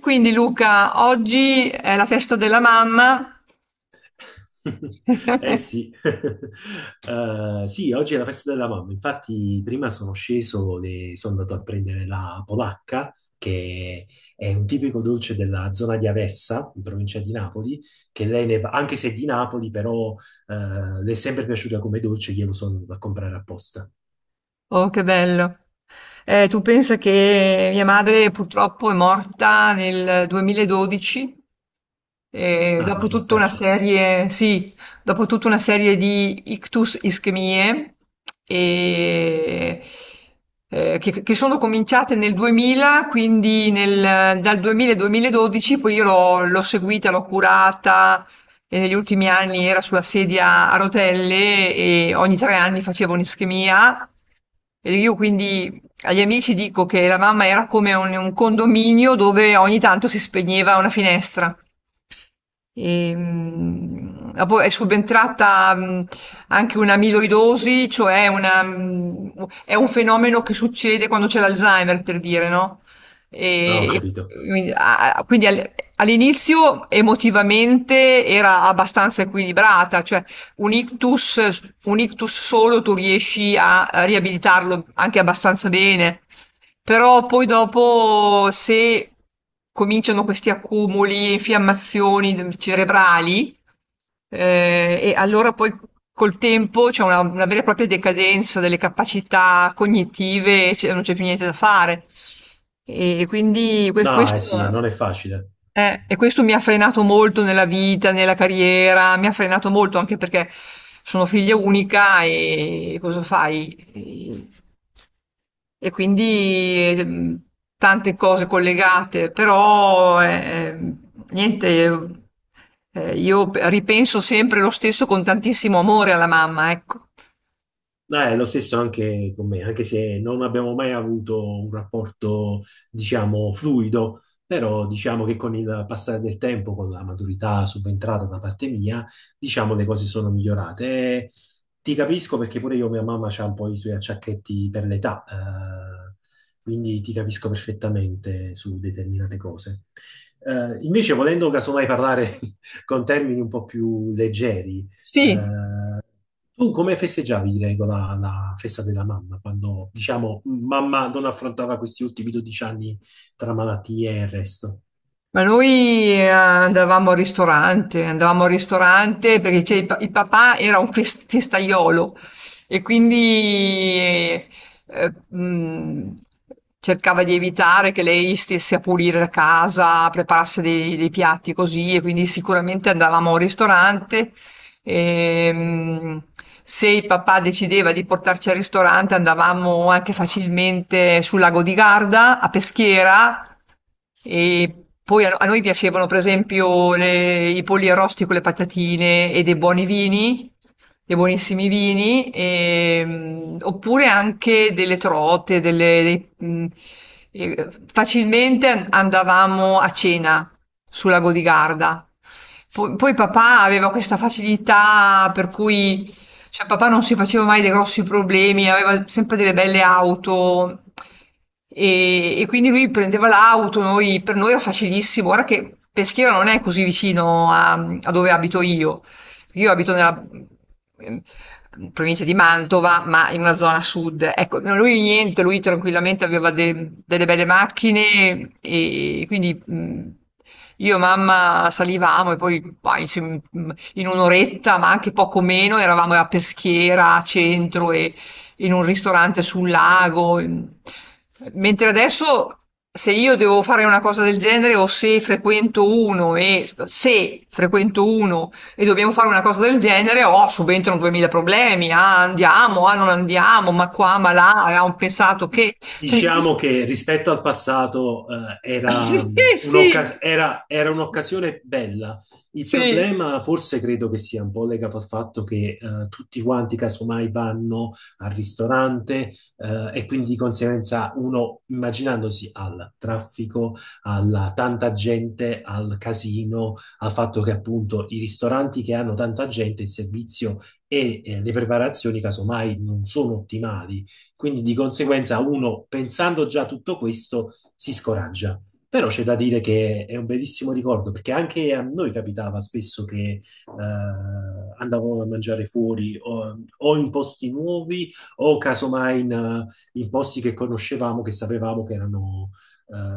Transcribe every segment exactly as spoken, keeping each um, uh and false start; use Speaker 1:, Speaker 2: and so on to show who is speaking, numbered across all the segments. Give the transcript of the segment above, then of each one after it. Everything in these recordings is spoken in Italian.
Speaker 1: Quindi Luca, oggi è la festa della mamma.
Speaker 2: Eh sì, Eh, sì, oggi è la festa della mamma. Infatti, prima sono sceso e sono andato a prendere la polacca, che è un tipico dolce della zona di Aversa, in provincia di Napoli, che lei, ne- fa- anche se è di Napoli, però eh, le è sempre piaciuta come dolce, glielo sono andato a comprare apposta.
Speaker 1: Oh, che bello. Eh, tu pensa che mia madre purtroppo è morta nel duemiladodici. E
Speaker 2: Ah, mi
Speaker 1: dopo tutta una
Speaker 2: dispiace.
Speaker 1: serie, sì, dopo tutta una serie di ictus ischemie e- eh, che, che sono cominciate nel duemila, quindi nel- dal duemila al duemiladodici, poi io l'ho l'ho seguita, l'ho curata e negli ultimi anni era sulla sedia a rotelle e ogni tre anni facevo un'ischemia. E io quindi agli amici dico che la mamma era come un, un condominio dove ogni tanto si spegneva una finestra. E, mh, ah, poi è subentrata mh, anche un'amiloidosi, cioè una, mh, è un fenomeno che succede quando c'è l'Alzheimer, per dire, no?
Speaker 2: No,
Speaker 1: E-
Speaker 2: ho capito.
Speaker 1: e quindi a- a- quindi al- all'inizio emotivamente era abbastanza equilibrata, cioè un ictus, un ictus solo tu riesci a a riabilitarlo anche abbastanza bene, però poi dopo se cominciano questi accumuli, infiammazioni cerebrali, eh, e allora poi col tempo c'è una, una vera e propria decadenza delle capacità cognitive, e c'è- non c'è più niente da fare. E quindi que-
Speaker 2: No,
Speaker 1: questo
Speaker 2: eh sì, eh, non è facile.
Speaker 1: eh, e questo mi ha frenato molto nella vita, nella carriera, mi ha frenato molto anche perché sono figlia unica e cosa fai? E, e quindi ehm, tante cose collegate, però eh, ehm, niente, eh, io pe- ripenso sempre lo stesso con tantissimo amore alla mamma, ecco.
Speaker 2: No, è lo stesso anche con me, anche se non abbiamo mai avuto un rapporto, diciamo, fluido, però diciamo che con il passare del tempo, con la maturità subentrata da parte mia, diciamo le cose sono migliorate. E ti capisco perché pure io, mia mamma, ha un po' i suoi acciacchetti per l'età, eh, quindi ti capisco perfettamente su determinate cose. Eh, invece, volendo casomai parlare con termini un po' più leggeri,
Speaker 1: Sì.
Speaker 2: eh, tu come festeggiavi, di regola, la festa della mamma, quando, diciamo, mamma non affrontava questi ultimi dodici anni tra malattie e il resto?
Speaker 1: Ma noi eh, andavamo al ristorante, andavamo al ristorante perché c'è il, pa- il papà era un fes- festaiolo e quindi eh, eh, mh, cercava di evitare che lei stesse a pulire la casa, preparasse dei, dei piatti così e quindi sicuramente andavamo al ristorante. Ehm, Se il papà decideva di portarci al ristorante, andavamo anche facilmente sul lago di Garda, a Peschiera, e poi a, a noi piacevano, per esempio, le- i polli arrosti con le patatine e dei buoni vini, dei buonissimi vini, ehm, oppure anche delle trote, delle- dei- mh, eh, facilmente an- andavamo a cena sulla Godigarda. Po- Poi, papà aveva questa facilità per cui, cioè papà non si faceva mai dei grossi problemi, aveva sempre delle belle auto e, e quindi lui prendeva l'auto, noi- per noi era facilissimo. Ora che Peschiera non è così vicino a, a dove abito io, io abito nella ehm, provincia di Mantova, ma in una zona sud. Ecco, no, lui niente, lui tranquillamente aveva de- delle belle macchine e quindi mh, io e mamma salivamo e poi bah, insieme- mh, in un'oretta, ma anche poco meno, eravamo a Peschiera, a centro e in un ristorante sul lago. Mentre adesso... Se io devo fare una cosa del genere o se frequento uno e se frequento uno e dobbiamo fare una cosa del genere, oh, subentrano duemila problemi, ah, andiamo, ah, non andiamo, ma qua, ma là, abbiamo pensato che... Cioè, mi-
Speaker 2: Diciamo che rispetto al passato, eh,
Speaker 1: Sì,
Speaker 2: era, mh,
Speaker 1: sì,
Speaker 2: un'occas- era- era- un'occasione bella. Il
Speaker 1: sì,
Speaker 2: problema forse credo che sia un po' legato al fatto che eh, tutti quanti casomai vanno al ristorante, eh, e quindi di conseguenza uno immaginandosi al traffico, alla tanta gente, al casino, al fatto che appunto i ristoranti che hanno tanta gente, il servizio e eh, le preparazioni casomai non sono ottimali, quindi di conseguenza uno, pensando già a tutto questo, si scoraggia. Però c'è da dire che è un bellissimo ricordo, perché anche a noi capitava spesso che eh, andavamo a mangiare fuori o, o in posti nuovi o casomai in, in posti che conoscevamo, che sapevamo che erano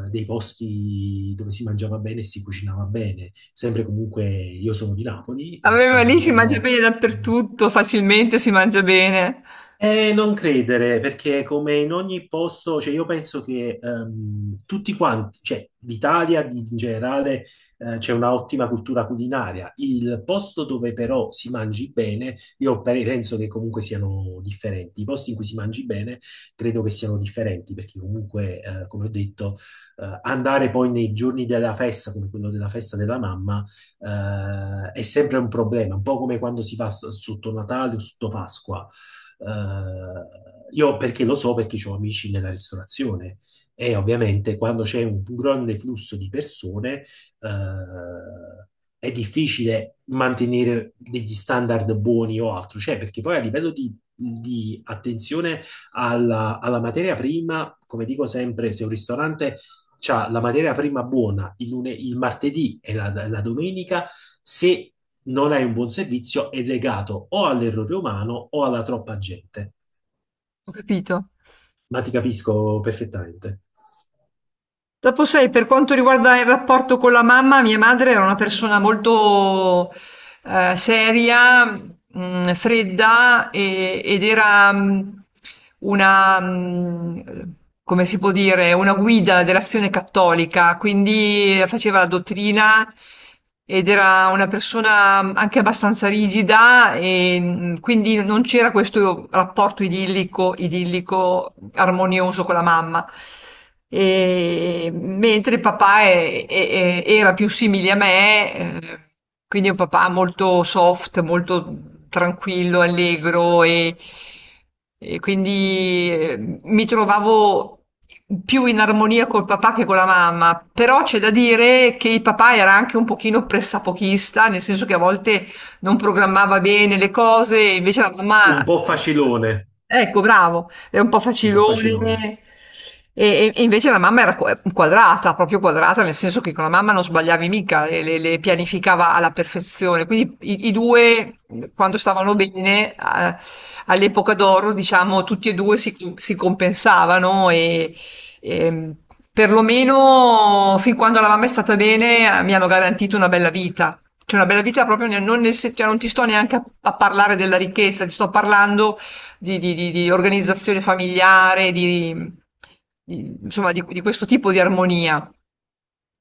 Speaker 2: eh, dei posti dove si mangiava bene e si cucinava bene. Sempre comunque, io sono di Napoli,
Speaker 1: a me va
Speaker 2: sempre
Speaker 1: lì si mangia
Speaker 2: diciamo
Speaker 1: bene dappertutto, facilmente si mangia bene,
Speaker 2: Eh, Non credere, perché come in ogni posto, cioè io penso che ehm, tutti quanti, cioè l'Italia di- in generale eh, c'è una ottima cultura culinaria. Il posto dove però si mangi bene, io pe- penso che comunque siano differenti, i posti in cui si mangi bene credo che siano differenti, perché comunque, eh, come ho detto, eh, andare poi nei giorni della festa, come quello della festa della mamma, eh, è sempre un problema, un po' come quando si va s- sotto Natale o sotto Pasqua. Eh, io perché lo so, perché ho amici nella ristorazione, e ovviamente quando c'è un grande flusso di persone, eh, è difficile mantenere degli standard buoni o altro, cioè perché poi a livello di, di attenzione alla, alla materia prima, come dico sempre, se un ristorante c'ha la materia prima buona il, lune- il martedì e la, la domenica, se non hai un buon servizio è legato o all'errore umano o alla troppa gente.
Speaker 1: ho capito.
Speaker 2: Ma ti capisco perfettamente.
Speaker 1: Dopo sai, per quanto riguarda il rapporto con la mamma, mia madre era una persona molto eh, seria, mh, fredda e- ed era mh, una, mh, come si può dire, una guida dell'azione cattolica, quindi faceva la dottrina ed era una persona mm, anche abbastanza rigida e mh, quindi non c'era questo rapporto idillico, idillico, armonioso con la mamma. E- mentre il papà è- è- è- era più simile a me, eh, quindi è un papà molto soft, molto tranquillo, allegro e, e quindi eh, mi trovavo più in armonia col papà che con la mamma, però c'è da dire che il papà era anche un pochino pressapochista, nel senso che a volte non programmava bene le cose, invece la mamma...
Speaker 2: Un
Speaker 1: eh,
Speaker 2: po' facilone,
Speaker 1: Ecco, bravo, era un po'
Speaker 2: un po' facilone.
Speaker 1: facilone. E, e- e invece la mamma era qua- quadrata, proprio quadrata, nel senso che con la mamma non sbagliavi mica, le, le- le pianificava alla perfezione. Quindi i, i due, quando stavano bene, eh, all'epoca d'oro, diciamo, tutti e due si, si compensavano e, e perlomeno fin quando la mamma è stata bene, eh, mi hanno garantito una bella vita. Cioè una bella vita proprio nel- non, nel, se- cioè non ti sto neanche a, a parlare della ricchezza, ti sto parlando di, di- di- di organizzazione familiare, di, di- insomma, di, di questo tipo di armonia.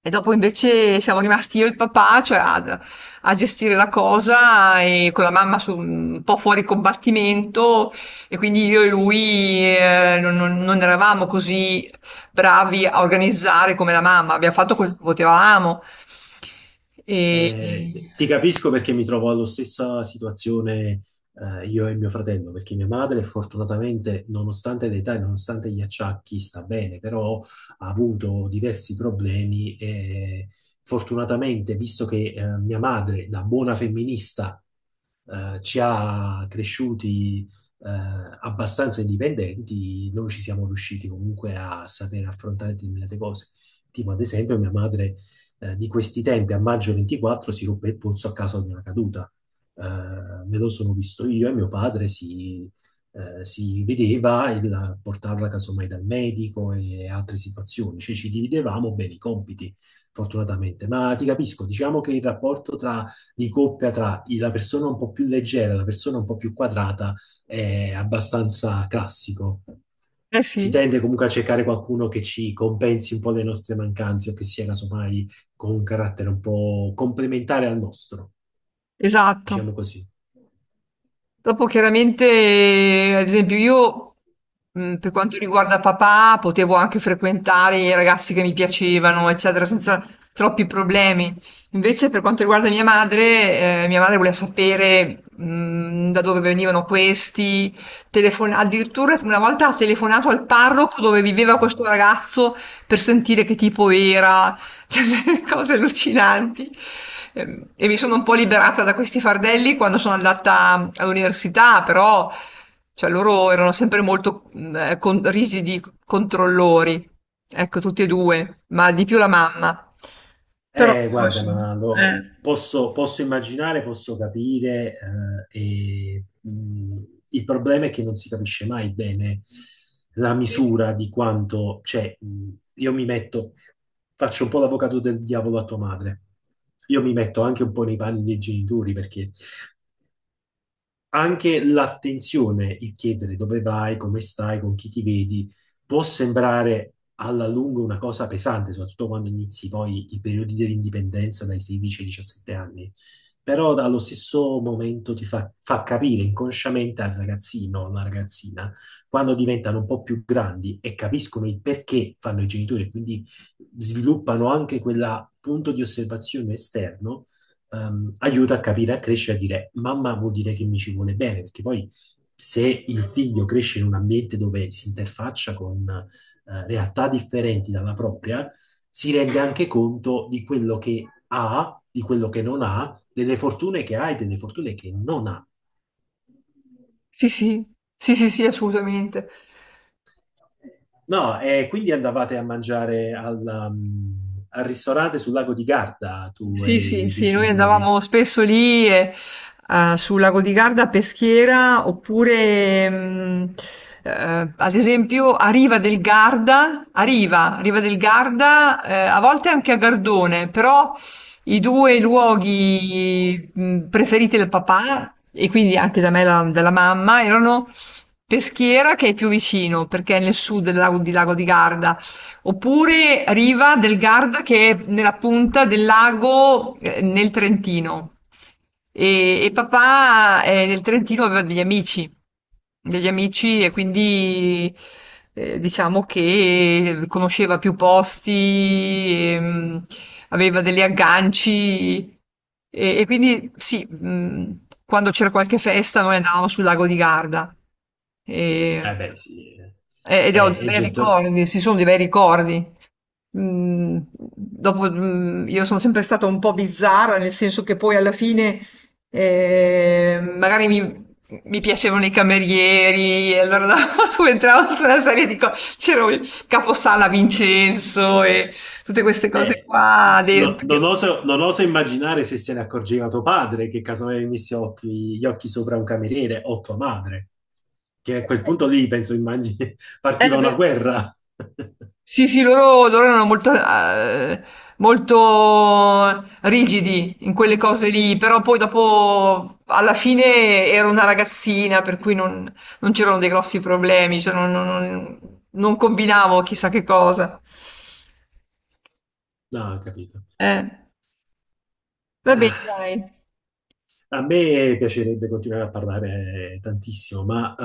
Speaker 1: E dopo invece siamo rimasti io e il papà, cioè ad- a gestire la cosa e con la mamma su- un po' fuori combattimento e quindi io e lui eh, non, non- non eravamo così bravi a organizzare come la mamma, abbiamo fatto quel che potevamo. E...
Speaker 2: Eh, ti capisco perché mi trovo alla stessa situazione, eh, io e mio fratello, perché mia madre fortunatamente, nonostante l'età e nonostante gli acciacchi, sta bene, però ha avuto diversi problemi e fortunatamente, visto che eh, mia madre, da buona femminista, eh, ci ha cresciuti eh, abbastanza indipendenti, noi ci siamo riusciti comunque a sapere affrontare determinate cose. Tipo, ad esempio, mia madre, eh, di questi tempi, a maggio ventiquattro, si ruppe il polso a causa di una caduta. Eh, Me lo sono visto io, e mio padre si, eh, si vedeva il- a portarla casomai dal medico e altre situazioni, cioè ci dividevamo bene i compiti, fortunatamente. Ma ti capisco, diciamo che il rapporto tra, di coppia, tra i- la persona un po' più leggera e la persona un po' più quadrata è abbastanza classico.
Speaker 1: Eh
Speaker 2: Si
Speaker 1: sì,
Speaker 2: tende comunque a cercare qualcuno che ci compensi un po' le nostre mancanze o che sia casomai con un carattere un po' complementare al nostro,
Speaker 1: esatto.
Speaker 2: diciamo così.
Speaker 1: Dopo chiaramente, eh, ad esempio, io mh, per quanto riguarda papà, potevo anche frequentare i ragazzi che mi piacevano, eccetera, senza troppi problemi. Invece, per quanto riguarda mia madre, eh, mia madre voleva sapere mh, da dove venivano questi, telefon- addirittura una volta ha telefonato al parroco dove viveva questo ragazzo per sentire che tipo era. Cioè, delle cose allucinanti. Ehm, E mi sono un po' liberata da questi fardelli quando sono andata all'università, però cioè, loro erano sempre molto mh, eh, con- rigidi controllori, ecco, tutti e due, ma di più la mamma. Però,
Speaker 2: Eh, guarda,
Speaker 1: insomma,
Speaker 2: ma lo-
Speaker 1: eh,
Speaker 2: posso, posso immaginare, posso capire, eh, e, mh, il problema è che non si capisce mai bene la
Speaker 1: sì,
Speaker 2: misura di quanto, cioè, mh, io mi metto, faccio un po' l'avvocato del diavolo a tua madre, io mi metto anche un po' nei panni dei genitori, perché anche l'attenzione, il chiedere dove vai, come stai, con chi ti vedi, può sembrare alla lunga una cosa pesante, soprattutto quando inizi poi i periodi dell'indipendenza dai sedici ai diciassette anni. Però allo stesso momento ti fa, fa capire inconsciamente al ragazzino o alla ragazzina, quando diventano un po' più grandi e capiscono il perché fanno i genitori, e quindi sviluppano anche quel punto di osservazione esterno, ehm, aiuta a capire, a crescere, a dire mamma vuol dire che mi ci vuole bene, perché poi se il figlio cresce in un ambiente dove si interfaccia con eh, realtà differenti dalla propria, si rende anche conto di quello che ha, di quello che non ha, delle fortune che ha e delle fortune che non ha.
Speaker 1: sì, sì, sì, sì, sì, assolutamente.
Speaker 2: No, e quindi andavate a mangiare al, um, al ristorante sul lago di Garda, tu e
Speaker 1: Sì, sì,
Speaker 2: i tuoi
Speaker 1: sì, noi
Speaker 2: genitori.
Speaker 1: andavamo spesso lì eh, eh, sul lago di Garda a Peschiera oppure mh, eh, ad esempio a Riva del Garda, a Riva, Riva del Garda, eh, a volte anche a Gardone, però i due luoghi mh, preferiti del papà e quindi anche da me e la- dalla mamma erano Peschiera che è più vicino perché è nel sud del lago di, Lago di Garda oppure Riva del Garda che è nella punta del lago eh, nel Trentino. E, e papà eh, nel Trentino aveva degli amici, degli amici e quindi eh, diciamo che conosceva più posti, ehm, aveva degli agganci e, e quindi sì, mh, quando c'era qualche festa noi andavamo sul lago di Garda.
Speaker 2: Eh
Speaker 1: E,
Speaker 2: beh, sì,
Speaker 1: eh, Ed ho dei
Speaker 2: è, è
Speaker 1: bei
Speaker 2: getto-
Speaker 1: ricordi, sì, sono dei bei ricordi. Mm, dopo, mm, io sono sempre stata un po' bizzarra, nel senso che poi alla fine eh, magari mi, mi piacevano i camerieri, e allora subentravo tutta una serie di cose. C'era il caposala Vincenzo e tutte queste cose
Speaker 2: Eh,
Speaker 1: qua. de-
Speaker 2: no- non
Speaker 1: perché-
Speaker 2: oso, non oso immaginare se se ne accorgeva tuo padre, che casomai avessi occhi, gli occhi sopra un cameriere, o tua madre, che a quel
Speaker 1: eh,
Speaker 2: punto lì, penso, immagini, partiva
Speaker 1: eh,
Speaker 2: una
Speaker 1: Beh,
Speaker 2: guerra.
Speaker 1: sì, sì, loro, loro erano molto, eh, molto rigidi in quelle cose lì, però poi dopo, alla fine, ero una ragazzina, per cui non, non c'erano dei grossi problemi, cioè non, non- non- non combinavo chissà che cosa.
Speaker 2: No, ho capito.
Speaker 1: Eh, Va bene,
Speaker 2: Ah,
Speaker 1: dai.
Speaker 2: a me piacerebbe continuare a parlare tantissimo, ma eh,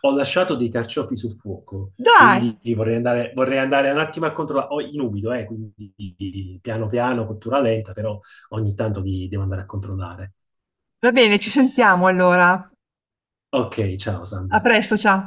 Speaker 2: ho lasciato dei carciofi sul fuoco,
Speaker 1: Dai,
Speaker 2: quindi vorrei andare, vorrei andare un attimo a controllare, ho in umido, eh, quindi piano piano, cottura lenta, però ogni tanto li devo andare a controllare.
Speaker 1: va bene, ci sentiamo allora.
Speaker 2: Ok, ciao
Speaker 1: A
Speaker 2: Sandra.
Speaker 1: presto, ciao.